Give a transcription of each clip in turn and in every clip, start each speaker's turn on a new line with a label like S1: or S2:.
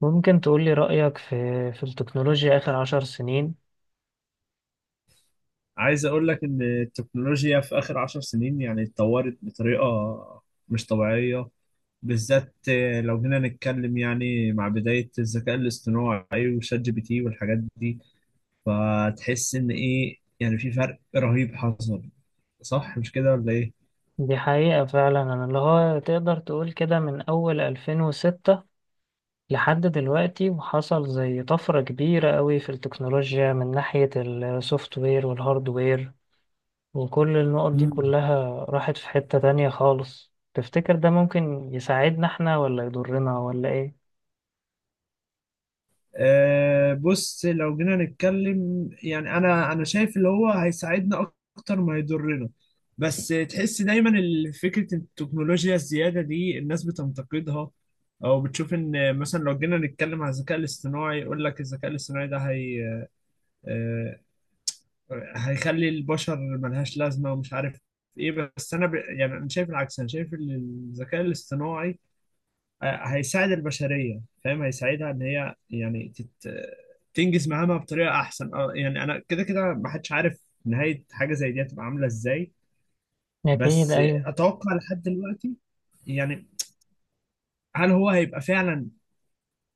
S1: ممكن تقولي رأيك في التكنولوجيا آخر 10 سنين.
S2: عايز اقول لك ان التكنولوجيا في اخر عشر سنين يعني اتطورت بطريقة مش طبيعية، بالذات لو جينا نتكلم يعني مع بداية الذكاء الاصطناعي وشات جي بي تي والحاجات دي. فتحس ان ايه، يعني في فرق رهيب حصل. صح مش كده ولا
S1: دي حقيقة فعلا، أنا اللي هو تقدر تقول كده من أول 2006 لحد دلوقتي، وحصل زي طفرة كبيرة قوي في التكنولوجيا من ناحية السوفت وير والهارد وير، وكل النقط دي
S2: ايه؟
S1: كلها راحت في حتة تانية خالص. تفتكر ده ممكن يساعدنا احنا ولا يضرنا ولا ايه؟
S2: بص لو جينا نتكلم يعني انا شايف اللي هو هيساعدنا اكتر ما يضرنا. بس تحس دايما فكرة التكنولوجيا الزيادة دي الناس بتنتقدها، او بتشوف ان مثلا لو جينا نتكلم على الذكاء الاصطناعي، يقول لك الذكاء الاصطناعي ده هي آه، هيخلي البشر ملهاش لازمة ومش عارف ايه. بس انا يعني انا شايف العكس، انا شايف ان الذكاء الاصطناعي هيساعد البشرية، فاهم؟ هيساعدها ان هي يعني تنجز مهامها بطريقة احسن. اه يعني انا كده كده ما حدش عارف نهاية حاجة زي دي هتبقى عاملة ازاي.
S1: أكيد.
S2: بس
S1: أيوه،
S2: اتوقع لحد دلوقتي يعني، هل هو هيبقى فعلا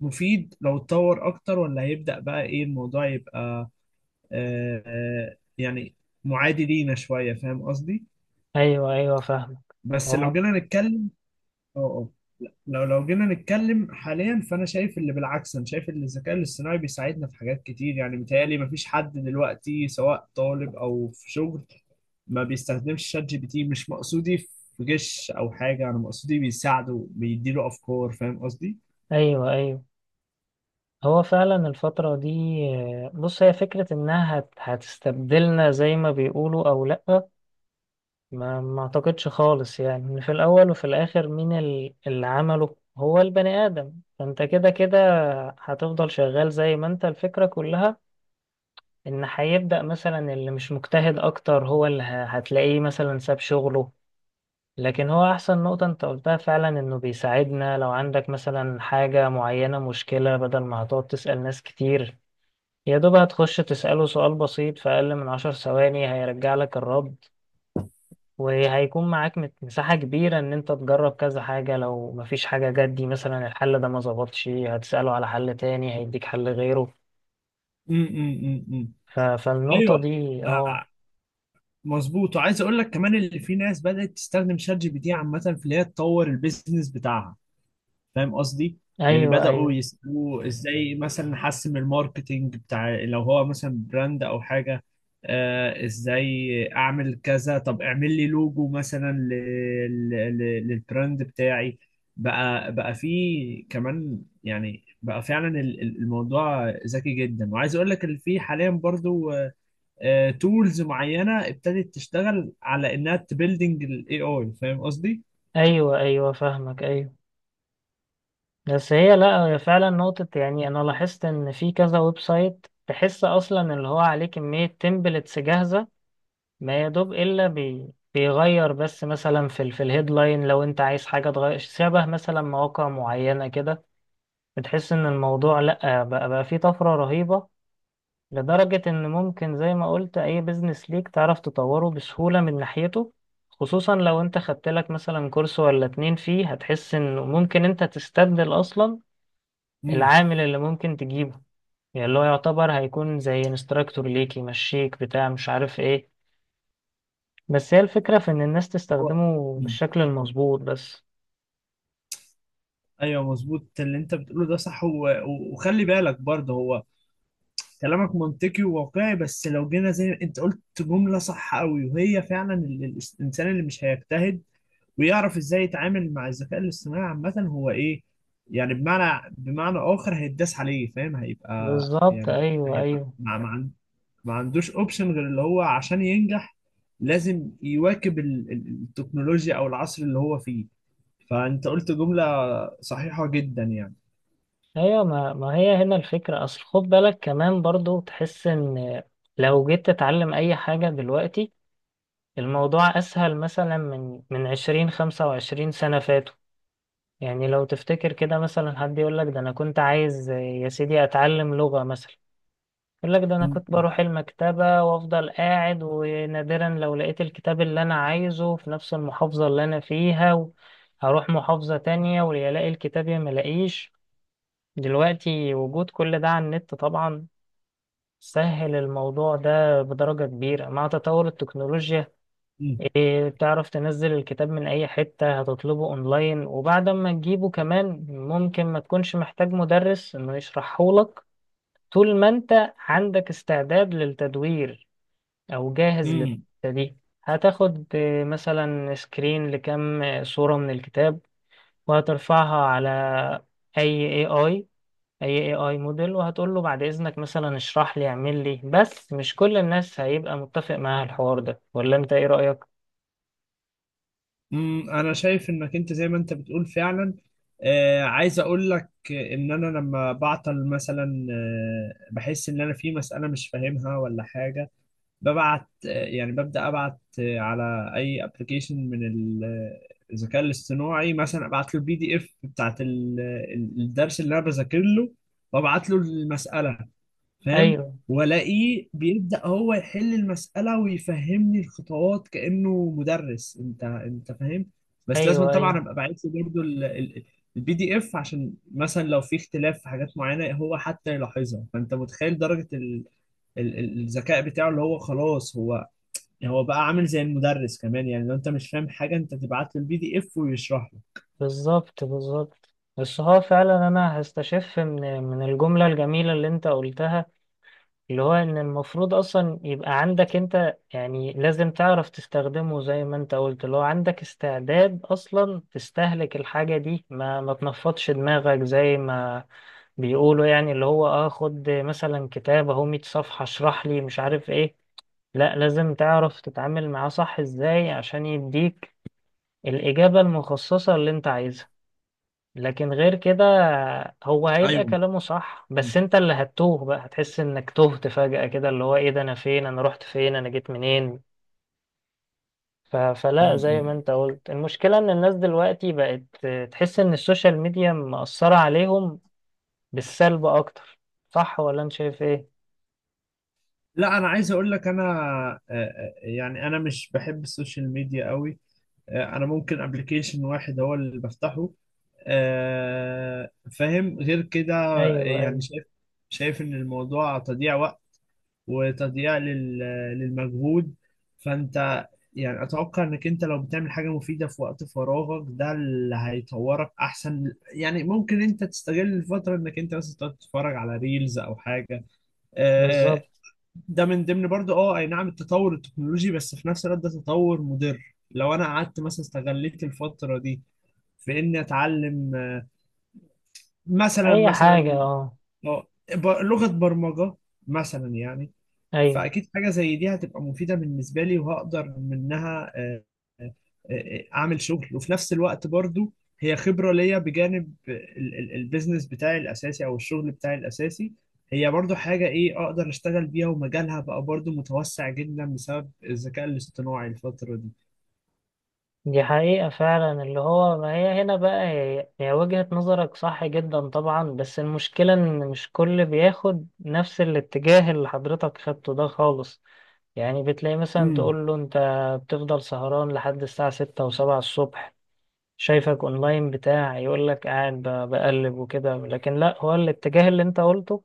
S2: مفيد لو اتطور اكتر، ولا هيبدأ بقى ايه الموضوع، يبقى يعني معادي لينا شوية، فاهم قصدي؟
S1: أيوه، أيوه، فاهمك.
S2: بس لو
S1: اه،
S2: جينا نتكلم اه اه لو جينا نتكلم حاليا. فانا شايف اللي بالعكس، انا شايف ان الذكاء الاصطناعي بيساعدنا في حاجات كتير. يعني متهيألي مفيش حد دلوقتي سواء طالب او في شغل ما بيستخدمش شات جي بي تي. مش مقصودي في جيش او حاجه، انا مقصودي بيساعده بيديله افكار، فاهم قصدي؟
S1: أيوه أيوه. هو فعلا الفترة دي، بص، هي فكرة انها هتستبدلنا زي ما بيقولوا او لأ، ما اعتقدش خالص. يعني إن في الاول وفي الاخر مين اللي عمله هو البني ادم، فانت كده كده هتفضل شغال زي ما انت. الفكرة كلها ان هيبدأ مثلا اللي مش مجتهد اكتر هو اللي هتلاقيه مثلا ساب شغله. لكن هو احسن نقطة انت قلتها فعلا انه بيساعدنا، لو عندك مثلا حاجة معينة، مشكلة، بدل ما هتقعد تسأل ناس كتير، يا دوب هتخش تسأله سؤال بسيط، في أقل من 10 ثواني هيرجع لك الرد، وهيكون معاك مساحة كبيرة إن أنت تجرب كذا حاجة، لو مفيش حاجة جت، دي مثلا الحل ده ما ظبطش، هتسأله على حل تاني هيديك حل غيره.
S2: أم أم أم أم.
S1: فالنقطة
S2: ايوه
S1: دي، اه،
S2: آه، مظبوط، وعايز اقول لك كمان اللي في ناس بدأت تستخدم شات جي بي تي عامه في اللي هي تطور البيزنس بتاعها، فاهم قصدي. يعني
S1: أيوه
S2: بدأوا
S1: أيوه.
S2: يسألوه ازاي مثلا نحسن من الماركتينج بتاع، لو هو مثلا براند او حاجة. ازاي اعمل كذا، طب اعمل لي لوجو مثلا للبراند بتاعي. بقى في كمان، يعني بقى فعلا الموضوع ذكي جدا. وعايز اقول لك ان في حاليا برضو تولز معينة ابتدت تشتغل على انها تبيلدينج الاي اي، فاهم قصدي؟
S1: أيوه أيوه فاهمك، أيوه. بس هي، لأ، هي فعلا نقطة، يعني أنا لاحظت إن في كذا ويب سايت تحس أصلا اللي هو عليه كمية تمبلتس جاهزة، ما يا دوب بيغير بس، مثلا في في الهيدلاين، لو انت عايز حاجه تغير، شبه مثلا مواقع معينه كده. بتحس ان الموضوع، لا، بقى فيه طفره رهيبه، لدرجه ان ممكن زي ما قلت، اي بيزنس ليك تعرف تطوره بسهوله من ناحيته، خصوصا لو انت خدت لك مثلا كورس ولا 2 فيه، هتحس انه ممكن انت تستبدل اصلا
S2: امم
S1: العامل اللي ممكن تجيبه، يعني اللي هو يعتبر هيكون زي انستراكتور ليك يمشيك، بتاع مش عارف ايه. بس هي الفكرة في إن الناس
S2: هو
S1: تستخدمه بالشكل المظبوط بس.
S2: ايوه مظبوط، اللي انت بتقوله ده صح. وخلي بالك برضه، هو كلامك منطقي وواقعي. بس لو جينا زي انت قلت جمله صح قوي، وهي فعلا الانسان اللي مش هيجتهد ويعرف ازاي يتعامل مع الذكاء الاصطناعي عامه هو ايه، يعني بمعنى اخر هيتداس عليه، فاهم؟ هيبقى
S1: بالظبط،
S2: يعني،
S1: أيوه
S2: هيبقى
S1: أيوه.
S2: ما عندوش اوبشن. غير اللي هو عشان ينجح لازم يواكب التكنولوجيا او العصر اللي هو فيه. فانت قلت جمله صحيحه جدا يعني.
S1: أيوه ما هي هنا الفكرة. أصل خد بالك كمان برضو، تحس إن لو جيت تتعلم أي حاجة دلوقتي، الموضوع أسهل مثلا من 20، 25 سنة فاتوا. يعني لو تفتكر كده مثلا، حد يقولك ده أنا كنت عايز يا سيدي أتعلم لغة مثلا، يقول لك ده انا
S2: مم.
S1: كنت بروح المكتبة وافضل قاعد، ونادرا لو لقيت الكتاب اللي انا عايزه في نفس المحافظة اللي انا فيها، هروح محافظة تانية، ويا الاقي الكتاب يا ملاقيش. دلوقتي وجود كل ده على النت طبعا سهل الموضوع ده بدرجة كبيرة، مع تطور التكنولوجيا.
S2: مم.
S1: إيه، بتعرف تنزل الكتاب من اي حتة، هتطلبه اونلاين، وبعد ما تجيبه كمان ممكن ما تكونش محتاج مدرس انه يشرحهولك، طول ما انت عندك استعداد للتدوير او جاهز
S2: مم.
S1: للحتة دي. هتاخد مثلا سكرين لكم، صورة من الكتاب، وهترفعها على اي اي اي اي موديل، وهتقول له بعد اذنك مثلا اشرح لي، اعمل لي. بس مش كل الناس هيبقى متفق معاها الحوار ده، ولا انت ايه رأيك؟
S2: مم. انا شايف انك انت زي ما انت بتقول فعلا. عايز اقول لك ان انا لما بعطل مثلا، بحس ان انا في مسألة مش فاهمها ولا حاجة، ببعت يعني ببدأ ابعت على اي ابلكيشن من الذكاء الاصطناعي. مثلا ابعت له البي دي اف بتاعت الدرس اللي انا بذاكر له، وابعت له المسألة، فاهم؟
S1: ايوه
S2: والاقيه بيبدأ هو يحل المسألة ويفهمني الخطوات كأنه مدرس، انت فاهم. بس لازم
S1: ايوه
S2: طبعا
S1: ايوه.
S2: ابقى باعت له برضه البي دي اف، عشان مثلا لو في اختلاف في حاجات معينة هو حتى يلاحظها. فانت متخيل درجة الذكاء بتاعه، اللي هو خلاص هو بقى عامل زي المدرس كمان. يعني لو انت مش فاهم حاجة انت تبعت له البي دي اف ويشرح لك.
S1: بالظبط بالظبط. بس هو فعلا انا هستشف من الجملة الجميلة اللي انت قلتها، اللي هو ان المفروض اصلا يبقى عندك انت، يعني لازم تعرف تستخدمه زي ما انت قلت، اللي هو عندك استعداد اصلا تستهلك الحاجة دي، ما تنفضش دماغك زي ما بيقولوا. يعني اللي هو، اه، خد مثلا كتاب اهو 100 صفحة، اشرح لي مش عارف ايه. لا، لازم تعرف تتعامل معاه صح ازاي عشان يديك الإجابة المخصصة اللي انت عايزها. لكن غير كده، هو هيبقى
S2: ايوه.
S1: كلامه صح،
S2: م-
S1: بس انت اللي هتتوه بقى، هتحس انك تهت فجأة كده، اللي هو ايه ده، انا فين، انا رحت فين، انا جيت منين. فلا، زي ما
S2: م-
S1: انت قلت، المشكلة ان الناس دلوقتي بقت تحس ان السوشيال ميديا مأثرة عليهم بالسلب اكتر. صح ولا انت شايف ايه؟
S2: لا، انا عايز اقول لك انا يعني انا مش بحب السوشيال ميديا قوي. انا ممكن ابلكيشن واحد هو اللي بفتحه. آه، فاهم؟ غير كده
S1: ايوه
S2: يعني
S1: ايوه.
S2: شايف ان الموضوع تضييع وقت وتضييع للمجهود. فانت يعني اتوقع انك انت لو بتعمل حاجة مفيدة في وقت فراغك، ده اللي هيطورك احسن. يعني ممكن انت تستغل الفترة انك انت مثلا تقعد تتفرج على ريلز او حاجة. آه،
S1: بالظبط.
S2: ده من ضمن برضه اي نعم التطور التكنولوجي، بس في نفس الوقت ده تطور مضر لو انا قعدت مثلا استغليت الفترة دي في اني اتعلم مثلا،
S1: اي حاجة،
S2: مثلا
S1: اه.
S2: اه لغة برمجة مثلا يعني.
S1: ايوه.
S2: فأكيد حاجة زي دي هتبقى مفيدة بالنسبة لي، وهقدر منها آه، أعمل شغل. وفي نفس الوقت برضو، هي خبرة ليا بجانب البيزنس بتاعي الأساسي أو الشغل بتاعي الأساسي. هي برضو حاجة إيه أقدر أشتغل بيها، ومجالها بقى برضو متوسع جدا بسبب الذكاء الاصطناعي الفترة دي.
S1: دي حقيقة فعلا، اللي هو ما هي هنا بقى، هي وجهة نظرك صح جدا طبعا. بس المشكلة إن مش كل بياخد نفس الاتجاه اللي حضرتك خدته ده خالص. يعني بتلاقي مثلا
S2: امم
S1: تقول له أنت بتفضل سهران لحد الساعة 6 و7 الصبح، شايفك أونلاين بتاع، يقولك قاعد بقلب وكده. لكن لأ، هو الاتجاه اللي أنت قلته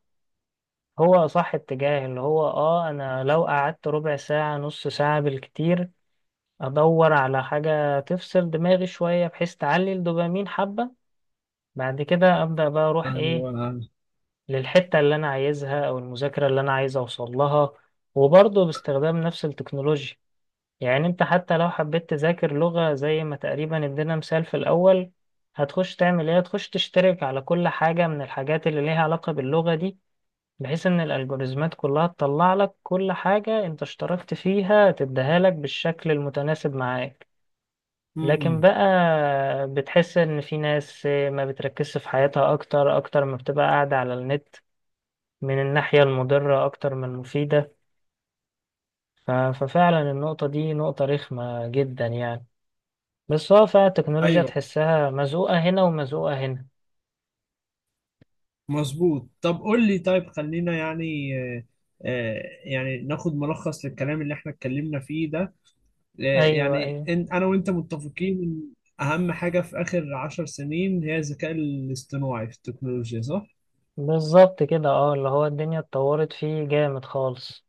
S1: هو صح، اتجاه اللي هو، اه، انا لو قعدت ربع ساعة نص ساعة بالكتير ادور على حاجة تفصل دماغي شوية، بحيث تعلي الدوبامين حبة، بعد كده ابدأ بقى اروح ايه،
S2: أنا- أنا-
S1: للحتة اللي انا عايزها او المذاكرة اللي انا عايز اوصل لها، وبرضه باستخدام نفس التكنولوجيا. يعني انت حتى لو حبيت تذاكر لغة زي ما تقريبا ادينا مثال في الاول، هتخش تعمل ايه، هتخش تشترك على كل حاجة من الحاجات اللي ليها علاقة باللغة دي، بحيث ان الالجوريزمات كلها تطلع لك كل حاجة انت اشتركت فيها، تديها لك بالشكل المتناسب معاك. لكن
S2: أمم.
S1: بقى، بتحس ان في ناس ما بتركزش في حياتها اكتر، اكتر ما بتبقى قاعدة على النت، من الناحية المضرة اكتر من المفيدة. ففعلا النقطة دي نقطة رخمة جدا يعني. بس هو فعلا التكنولوجيا
S2: أيوه
S1: تحسها مزقوقة هنا ومزقوقة هنا.
S2: مظبوط. طب قول لي، طيب خلينا يعني، يعني ناخد ملخص للكلام اللي احنا اتكلمنا فيه ده.
S1: ايوه
S2: يعني
S1: ايوه.
S2: انا وانت متفقين ان اهم حاجة في اخر عشر سنين هي الذكاء الاصطناعي في التكنولوجيا، صح؟
S1: بالظبط كده، اه، اللي هو الدنيا اتطورت فيه جامد خالص،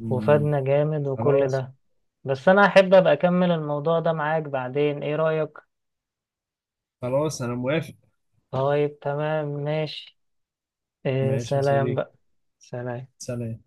S2: مم.
S1: وفادنا جامد، وكل
S2: خلاص.
S1: ده. بس انا احب ابقى اكمل الموضوع ده معاك بعدين، ايه رأيك؟
S2: خلاص انا موافق.
S1: طيب تمام، ماشي. إيه،
S2: ماشي يا
S1: سلام
S2: صديقي،
S1: بقى. سلام.
S2: سلام.